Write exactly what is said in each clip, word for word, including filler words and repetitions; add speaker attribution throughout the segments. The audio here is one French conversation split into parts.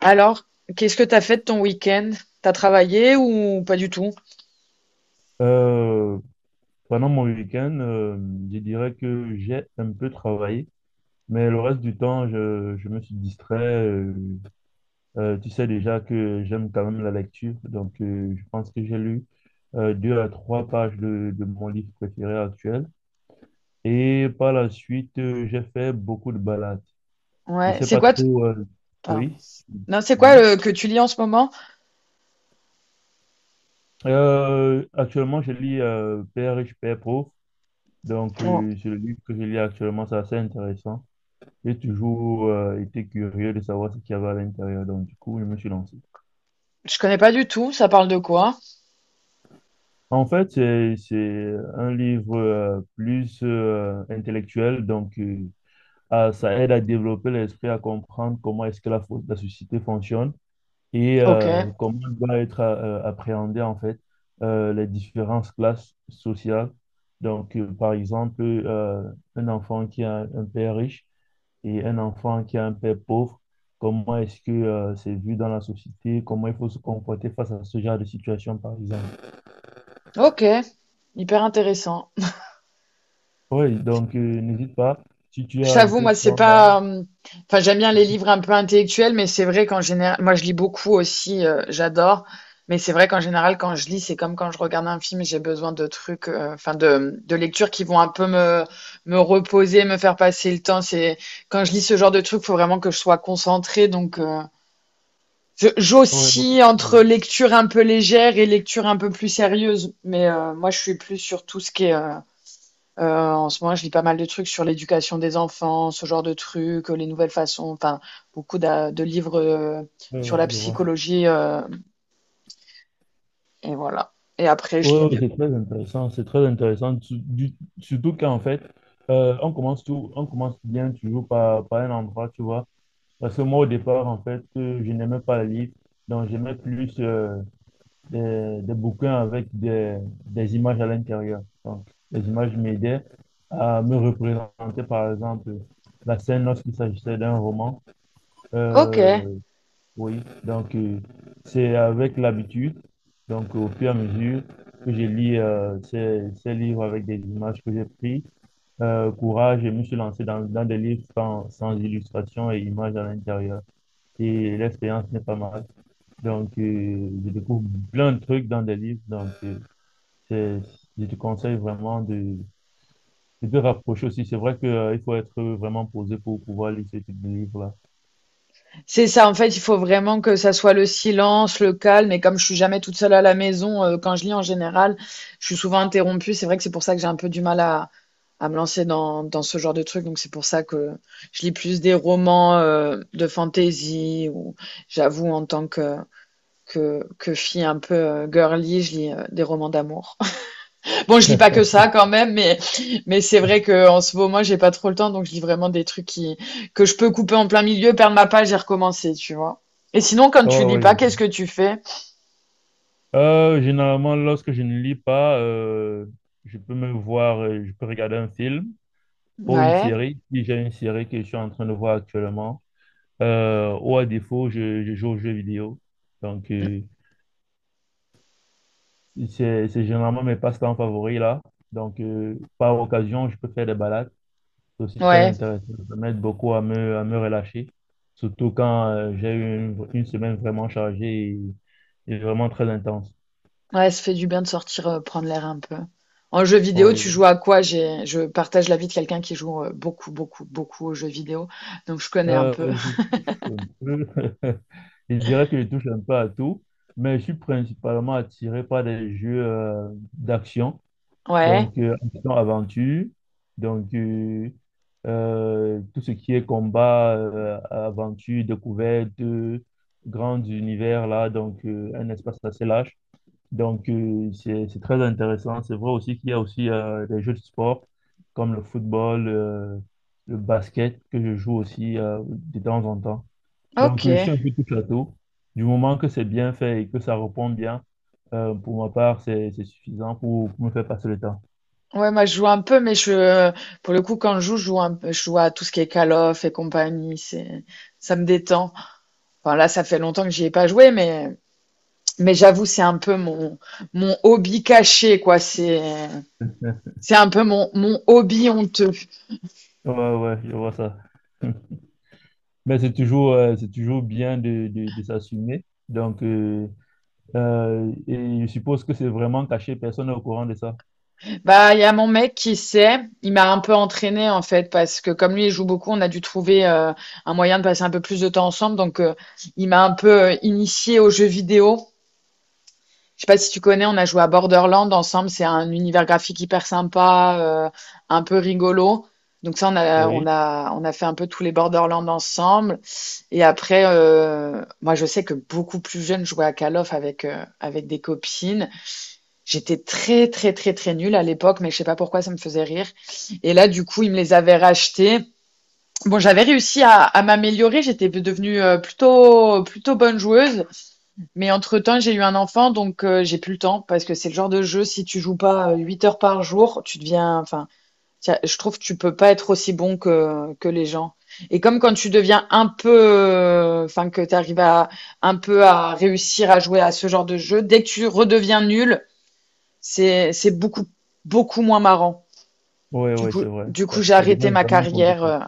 Speaker 1: Alors, qu'est-ce que t'as fait de ton week-end? T'as travaillé ou pas du tout?
Speaker 2: Euh, Pendant mon week-end, euh, je dirais que j'ai un peu travaillé, mais le reste du temps, je, je me suis distrait. Euh, euh, tu sais déjà que j'aime quand même la lecture, donc euh, je pense que j'ai lu euh, deux à trois pages de, de mon livre préféré actuel. Et par la suite, euh, j'ai fait beaucoup de balades. Je
Speaker 1: Ouais,
Speaker 2: sais
Speaker 1: c'est
Speaker 2: pas
Speaker 1: quoi t-
Speaker 2: trop. Euh,
Speaker 1: pardon.
Speaker 2: oui.
Speaker 1: Non, c'est quoi
Speaker 2: Oui.
Speaker 1: le... que tu lis en ce moment?
Speaker 2: Euh, actuellement, je lis euh, Père riche, père pauvre. Donc,
Speaker 1: Bon,
Speaker 2: euh, c'est le livre que je lis actuellement, c'est assez intéressant. J'ai toujours euh, été curieux de savoir ce qu'il y avait à l'intérieur. Donc, du coup, je me suis lancé.
Speaker 1: je connais pas du tout, ça parle de quoi?
Speaker 2: En fait, c'est c'est un livre euh, plus euh, intellectuel. Donc, euh, ah, ça aide à développer l'esprit, à comprendre comment est-ce que la, fo- la société fonctionne et
Speaker 1: Ok,
Speaker 2: euh, comment doit être euh, appréhendée, en fait, euh, les différentes classes sociales. Donc, euh, par exemple, euh, un enfant qui a un père riche Et un enfant qui a un père pauvre, comment est-ce que euh, c'est vu dans la société? Comment il faut se comporter face à ce genre de situation, par exemple?
Speaker 1: ok, hyper intéressant.
Speaker 2: Oui, donc euh, n'hésite pas. Si tu
Speaker 1: Je
Speaker 2: as un
Speaker 1: t'avoue,
Speaker 2: peu
Speaker 1: moi,
Speaker 2: de
Speaker 1: c'est
Speaker 2: temps là.
Speaker 1: pas. Euh, Enfin, j'aime bien les livres un peu intellectuels, mais c'est vrai qu'en général, moi, je lis beaucoup aussi, euh, j'adore. Mais c'est vrai qu'en général, quand je lis, c'est comme quand je regarde un film, j'ai besoin de trucs, euh, enfin, de, de lectures qui vont un peu me, me reposer, me faire passer le temps. C'est quand je lis ce genre de trucs, faut vraiment que je sois concentrée. Donc, euh, je-
Speaker 2: Ouais, ouais,
Speaker 1: j'oscille entre
Speaker 2: ouais,
Speaker 1: lecture un peu légère et lecture un peu plus sérieuse. Mais euh, moi, je suis plus sur tout ce qui est euh, euh, en ce moment, je lis pas mal de trucs sur l'éducation des enfants, ce genre de trucs, euh, les nouvelles façons, enfin, beaucoup d'a- de, livres euh, sur
Speaker 2: ouais,
Speaker 1: la
Speaker 2: je vois.
Speaker 1: psychologie, euh, et voilà. Et après, je lis.
Speaker 2: Oui, oui,
Speaker 1: des-
Speaker 2: c'est très intéressant, c'est très intéressant. Tu- du- surtout qu'en fait, euh, on commence tout, on commence bien toujours par, par un endroit, tu vois, parce que moi au départ, en fait, euh, je n'aimais pas les livres, donc j'aimais plus euh, des, des bouquins avec des, des images à l'intérieur. Donc, les images m'aidaient à me représenter, par exemple, la scène lorsqu'il s'agissait d'un roman.
Speaker 1: ok,
Speaker 2: Euh, oui, donc euh, c'est avec l'habitude, donc au fur et à mesure que je lis euh, ces, ces livres avec des images que j'ai prises, euh, courage, je me suis lancé dans, dans des livres sans, sans illustration et images à l'intérieur. Et l'expérience n'est pas mal. Donc euh, je découvre plein de trucs dans des livres, donc euh, c'est, je te conseille vraiment de, de te rapprocher aussi. C'est vrai que, euh, il faut être vraiment posé pour pouvoir lire ce type de livre-là.
Speaker 1: c'est ça. En fait, il faut vraiment que ça soit le silence, le calme. Et comme je suis jamais toute seule à la maison, euh, quand je lis en général, je suis souvent interrompue. C'est vrai que c'est pour ça que j'ai un peu du mal à, à me lancer dans, dans ce genre de trucs. Donc, c'est pour ça que je lis plus des romans euh, de fantasy. Ou j'avoue, en tant que que, que fille un peu euh, girly, je lis euh, des romans d'amour. Bon, je lis pas que ça quand même, mais, mais c'est vrai que en ce moment, j'ai pas trop le temps, donc je lis vraiment des trucs qui, que je peux couper en plein milieu, perdre ma page et recommencer, tu vois. Et sinon, quand
Speaker 2: Ouais,
Speaker 1: tu lis
Speaker 2: ouais.
Speaker 1: pas, qu'est-ce que tu fais?
Speaker 2: Euh, généralement, lorsque je ne lis pas, euh, je peux me voir, euh, je peux regarder un film ou une
Speaker 1: Ouais,
Speaker 2: série, si j'ai une série que je suis en train de voir actuellement, euh, ou à défaut, je, je joue aux jeux vidéo. Donc,
Speaker 1: mm,
Speaker 2: euh, c'est, c'est généralement mes passe-temps favoris là. Donc, euh, par occasion, je peux faire des balades. C'est aussi très
Speaker 1: ouais,
Speaker 2: intéressant. Ça m'aide beaucoup à me, à me relâcher, surtout quand euh, j'ai eu une, une semaine vraiment chargée et, et vraiment très intense.
Speaker 1: ouais, ça fait du bien de sortir, euh, prendre l'air un peu. En jeu vidéo, tu
Speaker 2: Oui.
Speaker 1: joues à quoi? J'ai, je partage la vie de quelqu'un qui joue euh, beaucoup, beaucoup, beaucoup aux jeux vidéo, donc je connais un peu.
Speaker 2: Euh, je touche un peu. Je dirais que je touche un peu à tout, mais je suis principalement attiré par des jeux euh, d'action,
Speaker 1: Ouais,
Speaker 2: donc euh, action-aventure, donc euh, euh, tout ce qui est combat, euh, aventure, découverte, euh, grand univers là, donc euh, un espace assez large. Donc, euh, c'est c'est très intéressant. C'est vrai aussi qu'il y a aussi euh, des jeux de sport comme le football, euh, le basket que je joue aussi euh, de temps en temps.
Speaker 1: ok.
Speaker 2: Donc, euh, je suis un peu tout château. Du moment que c'est bien fait et que ça répond bien, euh, pour ma part, c'est c'est suffisant pour, pour me faire passer le temps.
Speaker 1: Ouais, moi je joue un peu, mais je, pour le coup, quand je joue, je joue un peu, je joue à tout ce qui est Call of et compagnie. C'est, ça me détend. Enfin là, ça fait longtemps que j'y ai pas joué, mais, mais j'avoue, c'est un peu mon, mon hobby caché, quoi. C'est, c'est un peu mon, mon hobby honteux.
Speaker 2: Ouais, ouais, ouais, je vois ça. Mais c'est toujours, euh, c'est toujours bien de, de, de s'assumer. Donc, euh, euh, et je suppose que c'est vraiment caché, personne n'est au courant de ça.
Speaker 1: Bah, il y a mon mec qui sait. Il m'a un peu entraîné en fait, parce que comme lui, il joue beaucoup, on a dû trouver euh, un moyen de passer un peu plus de temps ensemble. Donc, euh, il m'a un peu euh, initié aux jeux vidéo. Je sais pas si tu connais, on a joué à Borderland ensemble. C'est un univers graphique hyper sympa, euh, un peu rigolo. Donc ça, on a, on
Speaker 2: Oui,
Speaker 1: a, on a fait un peu tous les Borderlands ensemble. Et après, euh, moi, je sais que beaucoup plus jeune, je jouais à Call of avec, euh, avec des copines. J'étais très, très, très, très nulle à l'époque, mais je sais pas pourquoi ça me faisait rire. Et là, du coup, ils me les avaient rachetés. Bon, j'avais réussi à, à m'améliorer. J'étais devenue euh, plutôt, plutôt bonne joueuse. Mais entre-temps, j'ai eu un enfant, donc euh, j'ai plus le temps parce que c'est le genre de jeu, si tu joues pas euh, huit heures par jour, tu deviens. Enfin, tiens, je trouve que tu peux pas être aussi bon que, que les gens. Et comme quand tu deviens un peu. euh, Enfin, que tu arrives à, un peu à réussir à jouer à ce genre de jeu, dès que tu redeviens nul, c'est, c'est beaucoup, beaucoup moins marrant.
Speaker 2: oui,
Speaker 1: Du
Speaker 2: oui,
Speaker 1: coup,
Speaker 2: c'est vrai.
Speaker 1: du
Speaker 2: Ça,
Speaker 1: coup, j'ai
Speaker 2: ça
Speaker 1: arrêté
Speaker 2: devient
Speaker 1: ma
Speaker 2: vraiment
Speaker 1: carrière.
Speaker 2: compliqué.
Speaker 1: euh,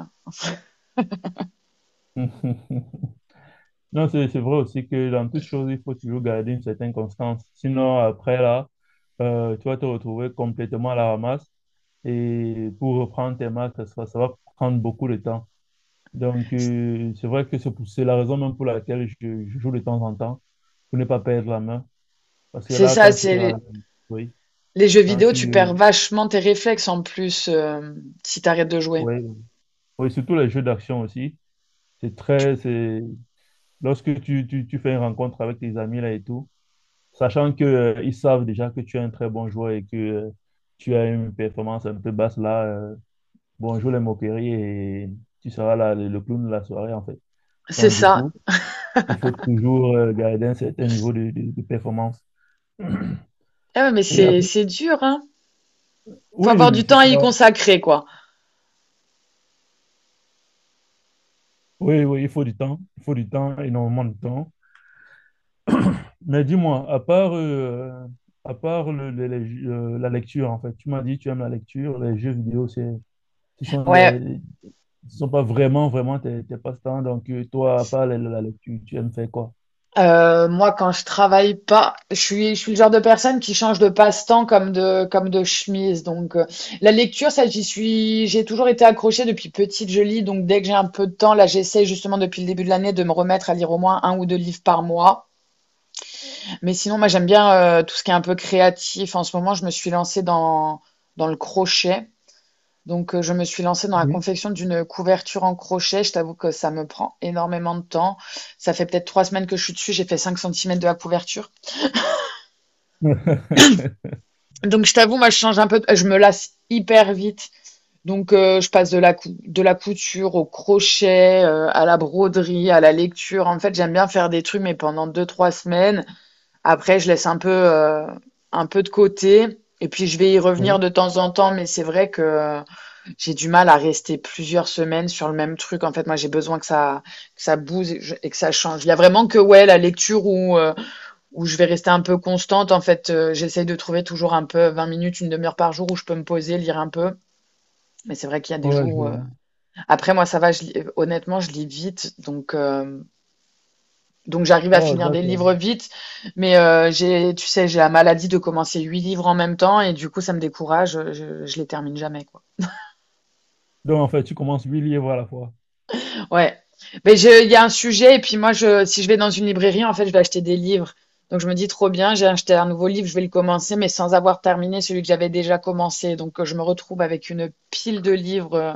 Speaker 2: Non, c'est c'est vrai aussi que dans toute chose, il faut toujours garder une certaine constance. Sinon, après là, euh, tu vas te retrouver complètement à la ramasse. Et pour reprendre tes marques, ça, sera- ça va prendre beaucoup de temps. Donc, euh, c'est vrai que c'est pour- c'est la raison même pour laquelle je, je joue de temps en temps, pour ne pas perdre la main. Parce que
Speaker 1: c'est
Speaker 2: là,
Speaker 1: ça,
Speaker 2: quand tu te...
Speaker 1: c'est les,
Speaker 2: Oui,
Speaker 1: les jeux
Speaker 2: quand
Speaker 1: vidéo, tu
Speaker 2: tu...
Speaker 1: perds vachement tes réflexes en plus euh, si tu arrêtes de jouer.
Speaker 2: oui. Oui, surtout les jeux d'action aussi. C'est très, c'est lorsque tu, tu, tu fais une rencontre avec tes amis là et tout, sachant que euh, ils savent déjà que tu es un très bon joueur et que euh, tu as une performance un peu basse là, euh, bonjour les moqueries et tu seras là le, le clown de la soirée en fait.
Speaker 1: C'est
Speaker 2: Donc du
Speaker 1: ça.
Speaker 2: coup, il faut toujours euh, garder un certain niveau de, de- de performance.
Speaker 1: Ah ouais, mais
Speaker 2: Et
Speaker 1: c'est
Speaker 2: après-
Speaker 1: c'est dur, hein. Faut
Speaker 2: oui,
Speaker 1: avoir
Speaker 2: oui,
Speaker 1: du
Speaker 2: c'est
Speaker 1: temps à y
Speaker 2: pas.
Speaker 1: consacrer, quoi.
Speaker 2: Oui, oui, il faut du temps, il faut du temps, énormément de temps. Mais dis-moi, à part, euh, à part le- le- les- euh, la lecture, en fait, tu m'as dit tu aimes la lecture, les jeux vidéo, c'est, ce sont
Speaker 1: Ouais.
Speaker 2: les, ce sont pas vraiment, vraiment tes, tes passe-temps. Donc, euh, toi, à part la, la lecture, tu aimes faire quoi?
Speaker 1: Euh, moi, quand je travaille pas, je suis je suis le genre de personne qui change de passe-temps comme de comme de chemise. Donc euh, la lecture, ça, j'y suis, j'ai toujours été accrochée depuis petite. Je lis, donc dès que j'ai un peu de temps, là, j'essaie justement depuis le début de l'année de me remettre à lire au moins un ou deux livres par mois. Mais sinon, moi, j'aime bien euh, tout ce qui est un peu créatif. En ce moment, je me suis lancée dans dans le crochet. Donc, euh, je me suis lancée dans la
Speaker 2: Oui.
Speaker 1: confection d'une couverture en crochet. Je t'avoue que ça me prend énormément de temps. Ça fait peut-être trois semaines que je suis dessus. J'ai fait cinq centimètres de la couverture. Donc, je t'avoue, moi, je change un peu. de- Je me lasse hyper vite. Donc, euh, je passe de la, cou- de la couture au crochet, euh, à la broderie, à la lecture. En fait, j'aime bien faire des trucs, mais pendant deux, trois semaines. Après, je laisse un peu, euh, un peu de côté. Et puis, je vais y revenir
Speaker 2: Oui,
Speaker 1: de temps en temps. Mais c'est vrai que j'ai du mal à rester plusieurs semaines sur le même truc. En fait, moi, j'ai besoin que ça, que ça bouge et, je- et que ça change. Il y a vraiment que ouais, la lecture où, euh, où je vais rester un peu constante. En fait, euh, j'essaye de trouver toujours un peu vingt minutes, une demi-heure par jour où je peux me poser, lire un peu. Mais c'est vrai qu'il y a des
Speaker 2: ouais, je
Speaker 1: jours. où, euh,
Speaker 2: vois.
Speaker 1: après, moi, ça va. Je lis- euh, Honnêtement, je lis vite, donc euh, donc j'arrive à
Speaker 2: Oh,
Speaker 1: finir des
Speaker 2: d'accord.
Speaker 1: livres vite. Mais euh, j'ai, tu sais, j'ai la maladie de commencer huit livres en même temps et du coup, ça me décourage. Je, je les termine jamais.
Speaker 2: Donc, en fait, tu commences huit livres à la fois.
Speaker 1: Ouais. Mais je, il y a un sujet, et puis moi, je, si je vais dans une librairie, en fait, je vais acheter des livres. Donc, je me dis trop bien, j'ai acheté un nouveau livre, je vais le commencer, mais sans avoir terminé celui que j'avais déjà commencé. Donc, euh, je me retrouve avec une pile de livres euh,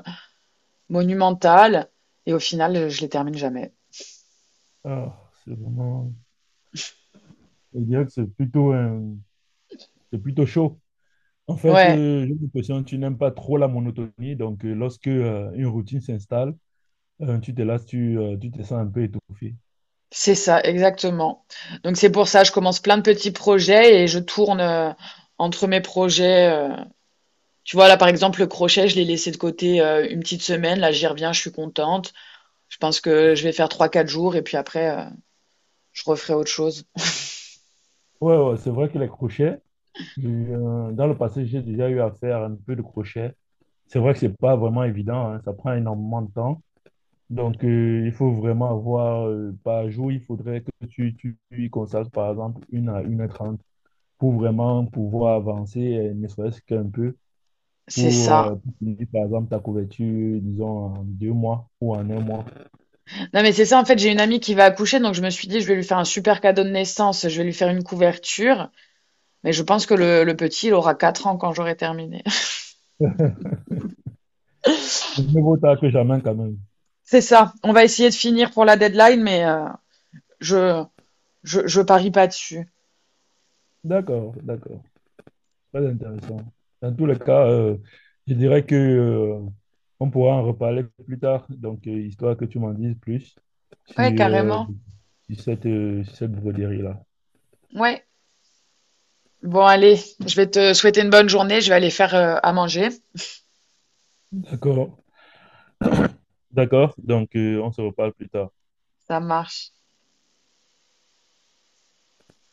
Speaker 1: monumentale, et au final, euh, je les termine jamais.
Speaker 2: Ah, c'est vraiment, je dirais que c'est plutôt, euh, c'est plutôt chaud. En fait,
Speaker 1: Ouais,
Speaker 2: euh, j'ai l'impression que tu n'aimes pas trop la monotonie. Donc, euh, lorsque, euh, une routine s'installe, Euh, tu te lasses, tu, euh, tu te sens un peu étouffé.
Speaker 1: c'est ça, exactement. Donc, c'est pour ça, je commence plein de petits projets et je tourne euh, entre mes projets. euh. Tu vois, là, par exemple, le crochet, je l'ai laissé de côté euh, une petite semaine. Là, j'y reviens, je suis contente. Je pense que je vais faire trois quatre jours et puis après, euh, je referai autre chose.
Speaker 2: Ouais, ouais, c'est vrai que les crochets, j'ai eu, euh, dans le passé, j'ai déjà eu à faire un peu de crochet. C'est vrai que c'est pas vraiment évident, hein, ça prend énormément de temps. Donc, euh, il faut vraiment avoir, euh, par jour, il faudrait que tu, tu y consacres, par exemple, une à une heure trente pour vraiment pouvoir avancer, euh, ne serait-ce qu'un peu.
Speaker 1: C'est
Speaker 2: pour, euh,
Speaker 1: ça.
Speaker 2: pour finir, par exemple, ta couverture, disons, en deux mois ou en un mois.
Speaker 1: Non, mais c'est ça, en fait, j'ai une amie qui va accoucher, donc je me suis dit, je vais lui faire un super cadeau de naissance, je vais lui faire une couverture, mais je pense que le, le petit, il aura quatre ans quand j'aurai terminé.
Speaker 2: Mais Mieux vaut tard que jamais, quand même.
Speaker 1: C'est ça. On va essayer de finir pour la deadline, mais euh, je, je, je parie pas dessus.
Speaker 2: D'accord, d'accord. Très intéressant. Dans tous les cas, euh, je dirais que, euh, on pourra en reparler plus tard, donc, euh, histoire que tu m'en dises plus
Speaker 1: Ouais,
Speaker 2: sur, euh,
Speaker 1: carrément.
Speaker 2: sur cette, euh, sur cette broderie-là.
Speaker 1: Ouais. Bon, allez, je vais te souhaiter une bonne journée, je vais aller faire euh, à manger.
Speaker 2: D'accord, d'accord. Donc, euh, on se reparle plus tard.
Speaker 1: Ça marche.